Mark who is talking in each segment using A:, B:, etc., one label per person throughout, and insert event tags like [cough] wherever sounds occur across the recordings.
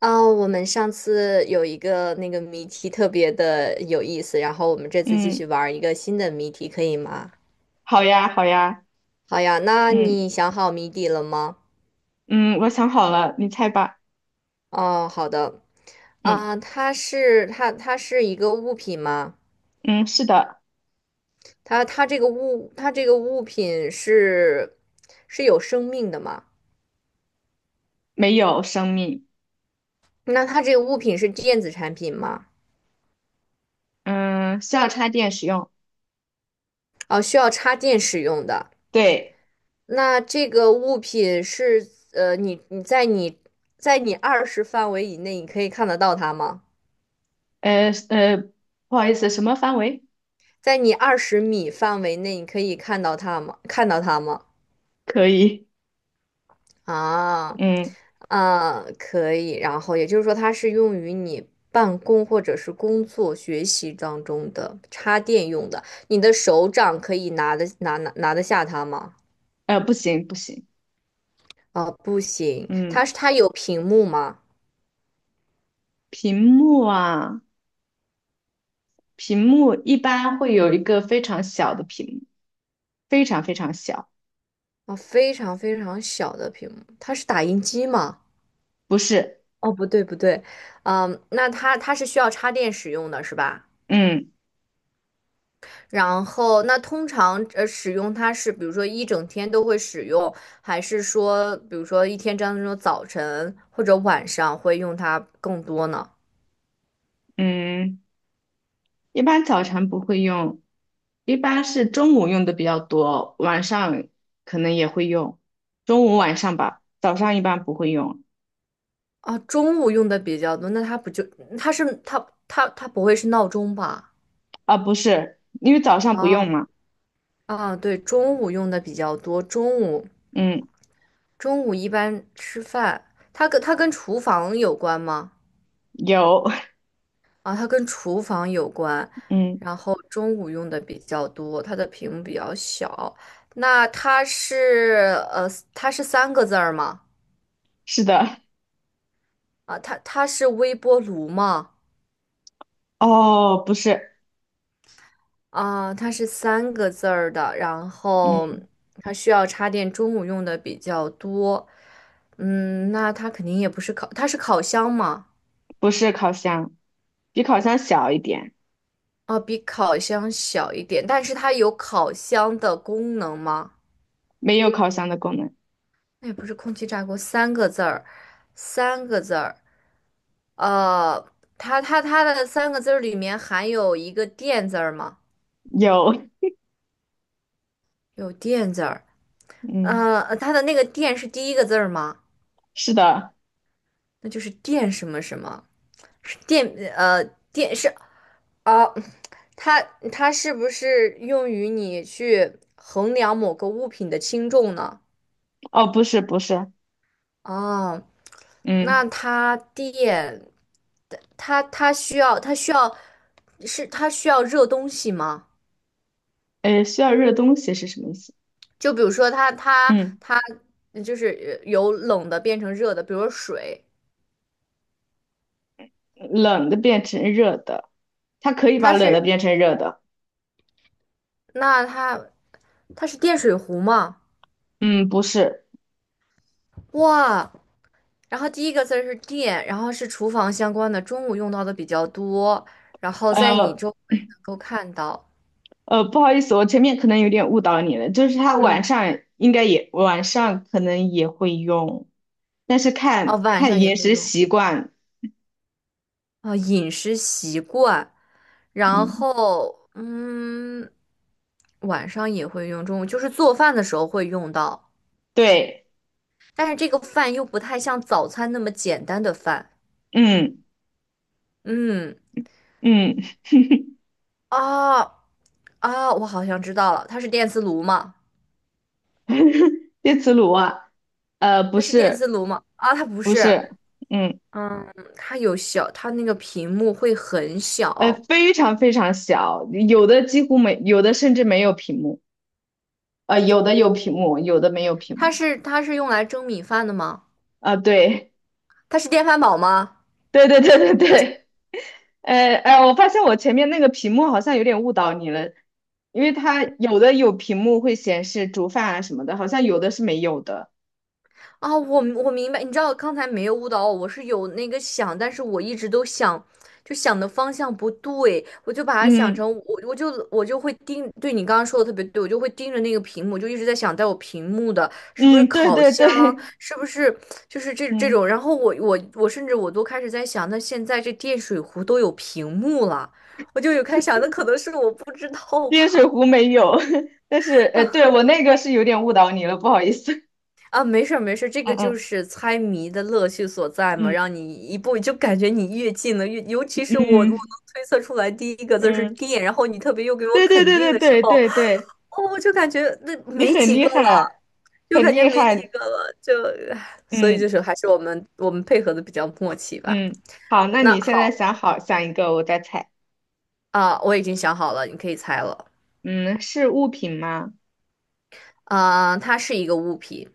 A: 哦，我们上次有一个那个谜题特别的有意思，然后我们这次继
B: 嗯，
A: 续玩一个新的谜题，可以吗？
B: 好呀，好呀，
A: 好呀，那
B: 嗯
A: 你想好谜底了吗？
B: 嗯，我想好了，你猜吧。
A: 哦，好的。
B: 嗯
A: 啊、它是一个物品吗？
B: 嗯，是的，
A: 它这个物品是有生命的吗？
B: 没有生命，
A: 那它这个物品是电子产品吗？
B: 嗯，需要插电使用。
A: 哦，需要插电使用的。
B: 对，
A: 那这个物品是你二十范围以内，你可以看得到它吗？
B: 呃呃，不好意思，什么范围？
A: 在你20米范围内，你可以看到它吗？
B: 可以，
A: 啊，
B: 嗯
A: 啊，可以。然后也就是说，它是用于你办公或者是工作、学习当中的插电用的。你的手掌可以拿得下它吗？
B: 呃，不行不行，
A: 啊，不行。
B: 嗯，
A: 它有屏幕吗？
B: 屏幕啊，屏幕一般会有一个非常小的屏幕，非常非常小，
A: 啊，非常非常小的屏幕。它是打印机吗？
B: 不是，
A: 哦，不对不对，嗯，那它是需要插电使用的是吧？
B: 嗯
A: 然后那通常使用它是比如说一整天都会使用，还是说比如说一天当中早晨或者晚上会用它更多呢？
B: 嗯。一般早晨不会用，一般是中午用的比较多，晚上可能也会用，中午晚上吧，早上一般不会用，
A: 啊，中午用的比较多，那它不就它不会是闹钟吧？
B: 啊，不是，因为早上不
A: 啊
B: 用嘛，
A: 啊，对，中午用的比较多，中午
B: 嗯，
A: 中午一般吃饭，它跟厨房有关吗？
B: 有，
A: 啊，它跟厨房有关，
B: [laughs] 嗯，
A: 然后中午用的比较多，它的屏幕比较小。那它是三个字儿吗？
B: 是的，
A: 啊，它是微波炉吗？
B: 哦，不是，
A: 啊，它是三个字儿的，然后
B: 嗯，
A: 它需要插电，中午用的比较多。嗯，那它肯定也不是它是烤箱吗？
B: 不是烤箱，比烤箱小一点，
A: 啊，比烤箱小一点，但是它有烤箱的功能吗？
B: 没有烤箱的功能，
A: 那也不是空气炸锅，三个字儿。呃，它的三个字儿里面含有一个电字儿吗？
B: 有，
A: 有电字儿。
B: 嗯，
A: 它的那个电是第一个字儿吗？
B: 是的，
A: 那就是电什么什么，是电呃电是哦，它它是不是用于你去衡量某个物品的轻重呢？
B: 哦，不是，不是，
A: 哦，那
B: 嗯，
A: 它电，它它需要它需要是它需要热东西吗？
B: 需要热东西是什么意思？
A: 就比如说它它
B: 嗯。
A: 它就是由冷的变成热的，比如说水，
B: 冷的变成热的，它可以把
A: 它
B: 冷的
A: 是
B: 变成热的。
A: 那它它是电水壶吗？
B: 嗯，不是，
A: 哇，然后第一个字儿是电，然后是厨房相关的，中午用到的比较多，然后在你
B: 呃
A: 周围能够看到，
B: 不好意思，我前面可能有点误导你了，就是它
A: 嗯，
B: 晚上可能也会用，但是
A: 哦，
B: 看
A: 晚
B: 看
A: 上也
B: 饮
A: 会
B: 食
A: 用。
B: 习惯。
A: 啊，饮食习惯，然
B: 嗯，
A: 后晚上也会用，中午就是做饭的时候会用到，
B: 对，
A: 但是这个饭又不太像早餐那么简单的饭。
B: 嗯
A: 嗯，
B: 嗯，
A: 啊啊，我好像知道了，它是电磁炉吗？
B: [laughs] 电磁炉啊，不
A: 它是电
B: 是
A: 磁炉吗？啊，它不
B: 不
A: 是，
B: 是，嗯
A: 嗯，它有小，它那个屏幕会很
B: 呃，
A: 小，
B: 非常非常小，有的几乎没，有的甚至没有屏幕，有的有屏幕，有的没有屏幕。
A: 它是用来蒸米饭的吗？
B: 啊，对。
A: 它是电饭煲吗？
B: 对对对对对，我发现我前面那个屏幕好像有点误导你了，因为它有的有屏幕会显示煮饭啊什么的，好像有的是没有的。
A: 啊，我明白，你知道刚才没有误导我，我是有那个想，但是我一直都想，就想的方向不对，我就把它想
B: 嗯
A: 成我就会盯，对你刚刚说的特别对，我就会盯着那个屏幕，就一直在想带我屏幕的是不是
B: 嗯，对
A: 烤
B: 对
A: 箱，
B: 对，
A: 是不是就是这这
B: 嗯，
A: 种，然后我甚至我都开始在想，那现在这电水壶都有屏幕了，我就有开始想，那可能是我不知道
B: 电水
A: 吧。
B: 壶没有，[laughs] 但是对我那个是有点误导你了，不好意思。[laughs]
A: 啊，没事儿没事儿，这个就
B: 嗯
A: 是猜谜的乐趣所在嘛，
B: 嗯
A: 让你一步就感觉你越近了，越尤其是我
B: 嗯
A: 能
B: 嗯
A: 推测出来第一个字是
B: 嗯，
A: 电，然后你特别又给我
B: 对对
A: 肯
B: 对
A: 定
B: 对
A: 的时
B: 对
A: 候，
B: 对对，
A: 哦，我就感觉那
B: 你
A: 没
B: 很
A: 几
B: 厉
A: 个了，
B: 害，
A: 就
B: 很
A: 感觉
B: 厉
A: 没几
B: 害。
A: 个了，就，唉所以就
B: 嗯
A: 是还是我们配合的比较默契吧。
B: 嗯，好，那
A: 那
B: 你现在
A: 好
B: 想一个，我再猜。
A: 啊，我已经想好了，你可以猜了。
B: 嗯，是物品吗？
A: 啊，它是一个物品，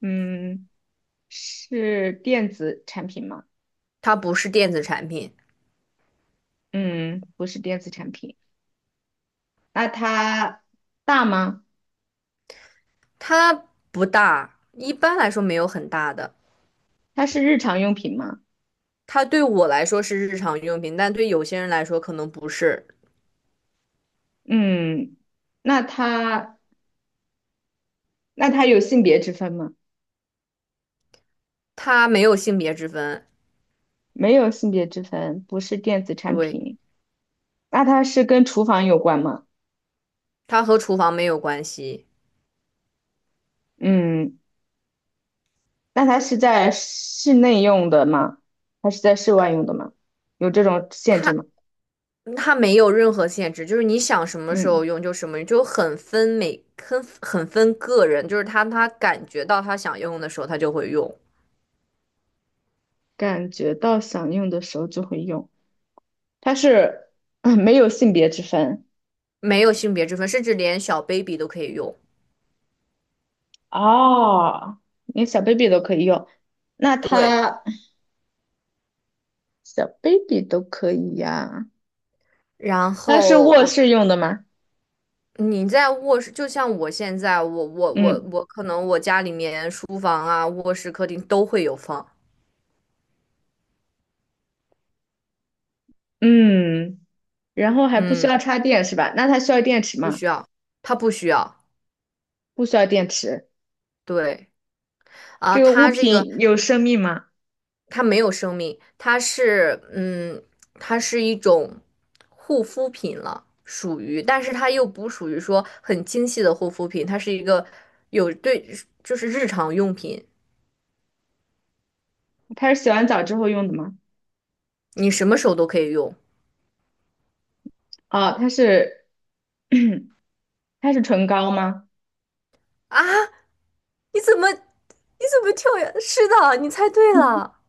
B: 嗯，是电子产品吗？
A: 它不是电子产品，
B: 嗯，不是电子产品。那它大吗？
A: 它不大，一般来说没有很大的。
B: 它是日常用品吗？
A: 它对我来说是日常用品，但对有些人来说可能不是。
B: 嗯，那它那它有性别之分吗？
A: 它没有性别之分，
B: 没有性别之分，不是电子产
A: 对，
B: 品。那它是跟厨房有关吗？
A: 它和厨房没有关系，
B: 嗯，那它是在室内用的吗？还是在室外用的吗？有这种限制
A: 它
B: 吗？
A: 它没有任何限制，就是你想什么时
B: 嗯，
A: 候用就什么用，就很分个人，就是他感觉到他想用的时候他就会用，
B: 感觉到想用的时候就会用。它是嗯没有性别之分
A: 没有性别之分，甚至连小 baby 都可以用。
B: 哦，连小 baby 都可以用。那
A: 对，
B: 它小 baby 都可以呀、
A: 然
B: 那是
A: 后
B: 卧室用的吗？
A: 你在卧室，就像我现在，我我我
B: 嗯
A: 我可能我家里面书房啊、卧室、客厅都会有放，
B: 嗯，然后还不需
A: 嗯，
B: 要插电是吧？那它需要电池
A: 不
B: 吗？
A: 需要，它不需要。
B: 不需要电池。
A: 对啊，
B: 这个物
A: 它这个
B: 品有生命吗？
A: 它没有生命，它是一种护肤品了，属于，但是它又不属于说很精细的护肤品，它是一个有对，就是日常用品，
B: 它是洗完澡之后用的吗？
A: 你什么时候都可以用
B: 哦，它是 [coughs] [clears throat] 它是唇膏吗？
A: 啊？你怎么跳跃？是的，你猜对了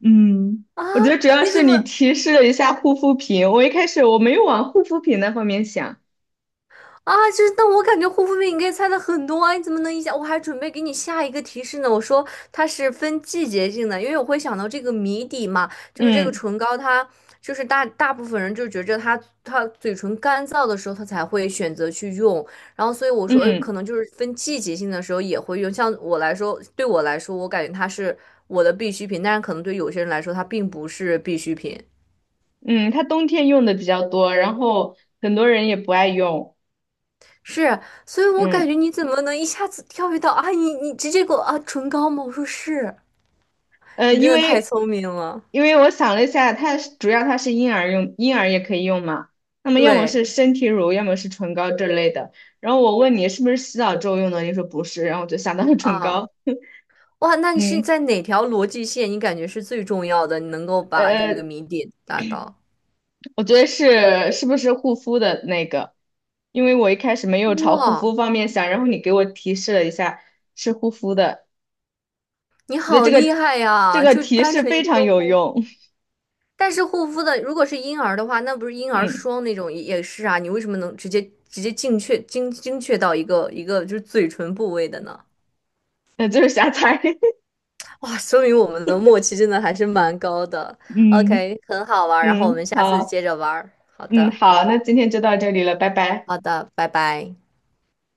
B: 嗯，
A: 啊！
B: 我觉得主要
A: 你
B: 是
A: 怎么？
B: 你提示了一下护肤品，我一开始没有往护肤品那方面想。
A: 啊，就是，但我感觉护肤品你可以猜的很多啊，你怎么能一下？我还准备给你下一个提示呢。我说它是分季节性的，因为我会想到这个谜底嘛，就是这个
B: 嗯
A: 唇膏它，就是大部分人就觉着它嘴唇干燥的时候，它才会选择去用。然后所以我说，可
B: 嗯
A: 能就是分季节性的时候也会用。像我来说，对我来说，我感觉它是我的必需品，但是可能对有些人来说，它并不是必需品。
B: 嗯，它冬天用的比较多，然后很多人也不爱用。
A: 是，所以我感
B: 嗯
A: 觉你怎么能一下子跳跃到啊？你直接给我啊唇膏吗？我说是，
B: 呃，
A: 你真
B: 因
A: 的太
B: 为
A: 聪明了。
B: 因为我想了一下，它是婴儿用，婴儿也可以用嘛。那么要么
A: 对
B: 是身体乳，要么是唇膏这类的。然后我问你是不是洗澡之后用的，你说不是，然后我就想到了唇
A: 啊，
B: 膏。
A: 哇，那你是
B: 嗯
A: 在哪条逻辑线？你感觉是最重要的，你能够把这
B: 呃，
A: 个谜底达到？
B: 我觉得是不是护肤的那个？因为我一开始没有朝护肤
A: 哇，
B: 方面想，然后你给我提示了一下是护肤的。
A: 你
B: 我觉得
A: 好
B: 这
A: 厉
B: 个
A: 害
B: 这
A: 呀！
B: 个
A: 就
B: 提
A: 单
B: 示
A: 纯一
B: 非常
A: 个
B: 有
A: 护肤，
B: 用。
A: 但是护肤的如果是婴儿的话，那不是
B: [laughs]
A: 婴儿
B: 嗯，
A: 霜那种也是啊？你为什么能直接精确到一个一个就是嘴唇部位的呢？
B: 那就是瞎猜。
A: 哇，说明我们的默契真的还是蛮高的。
B: [laughs] 嗯
A: OK，很好玩儿，然后我们
B: 嗯，
A: 下次
B: 好，
A: 接着玩儿。好
B: 嗯
A: 的，
B: 好，那今天就到这里了，拜拜。
A: 好的，拜拜。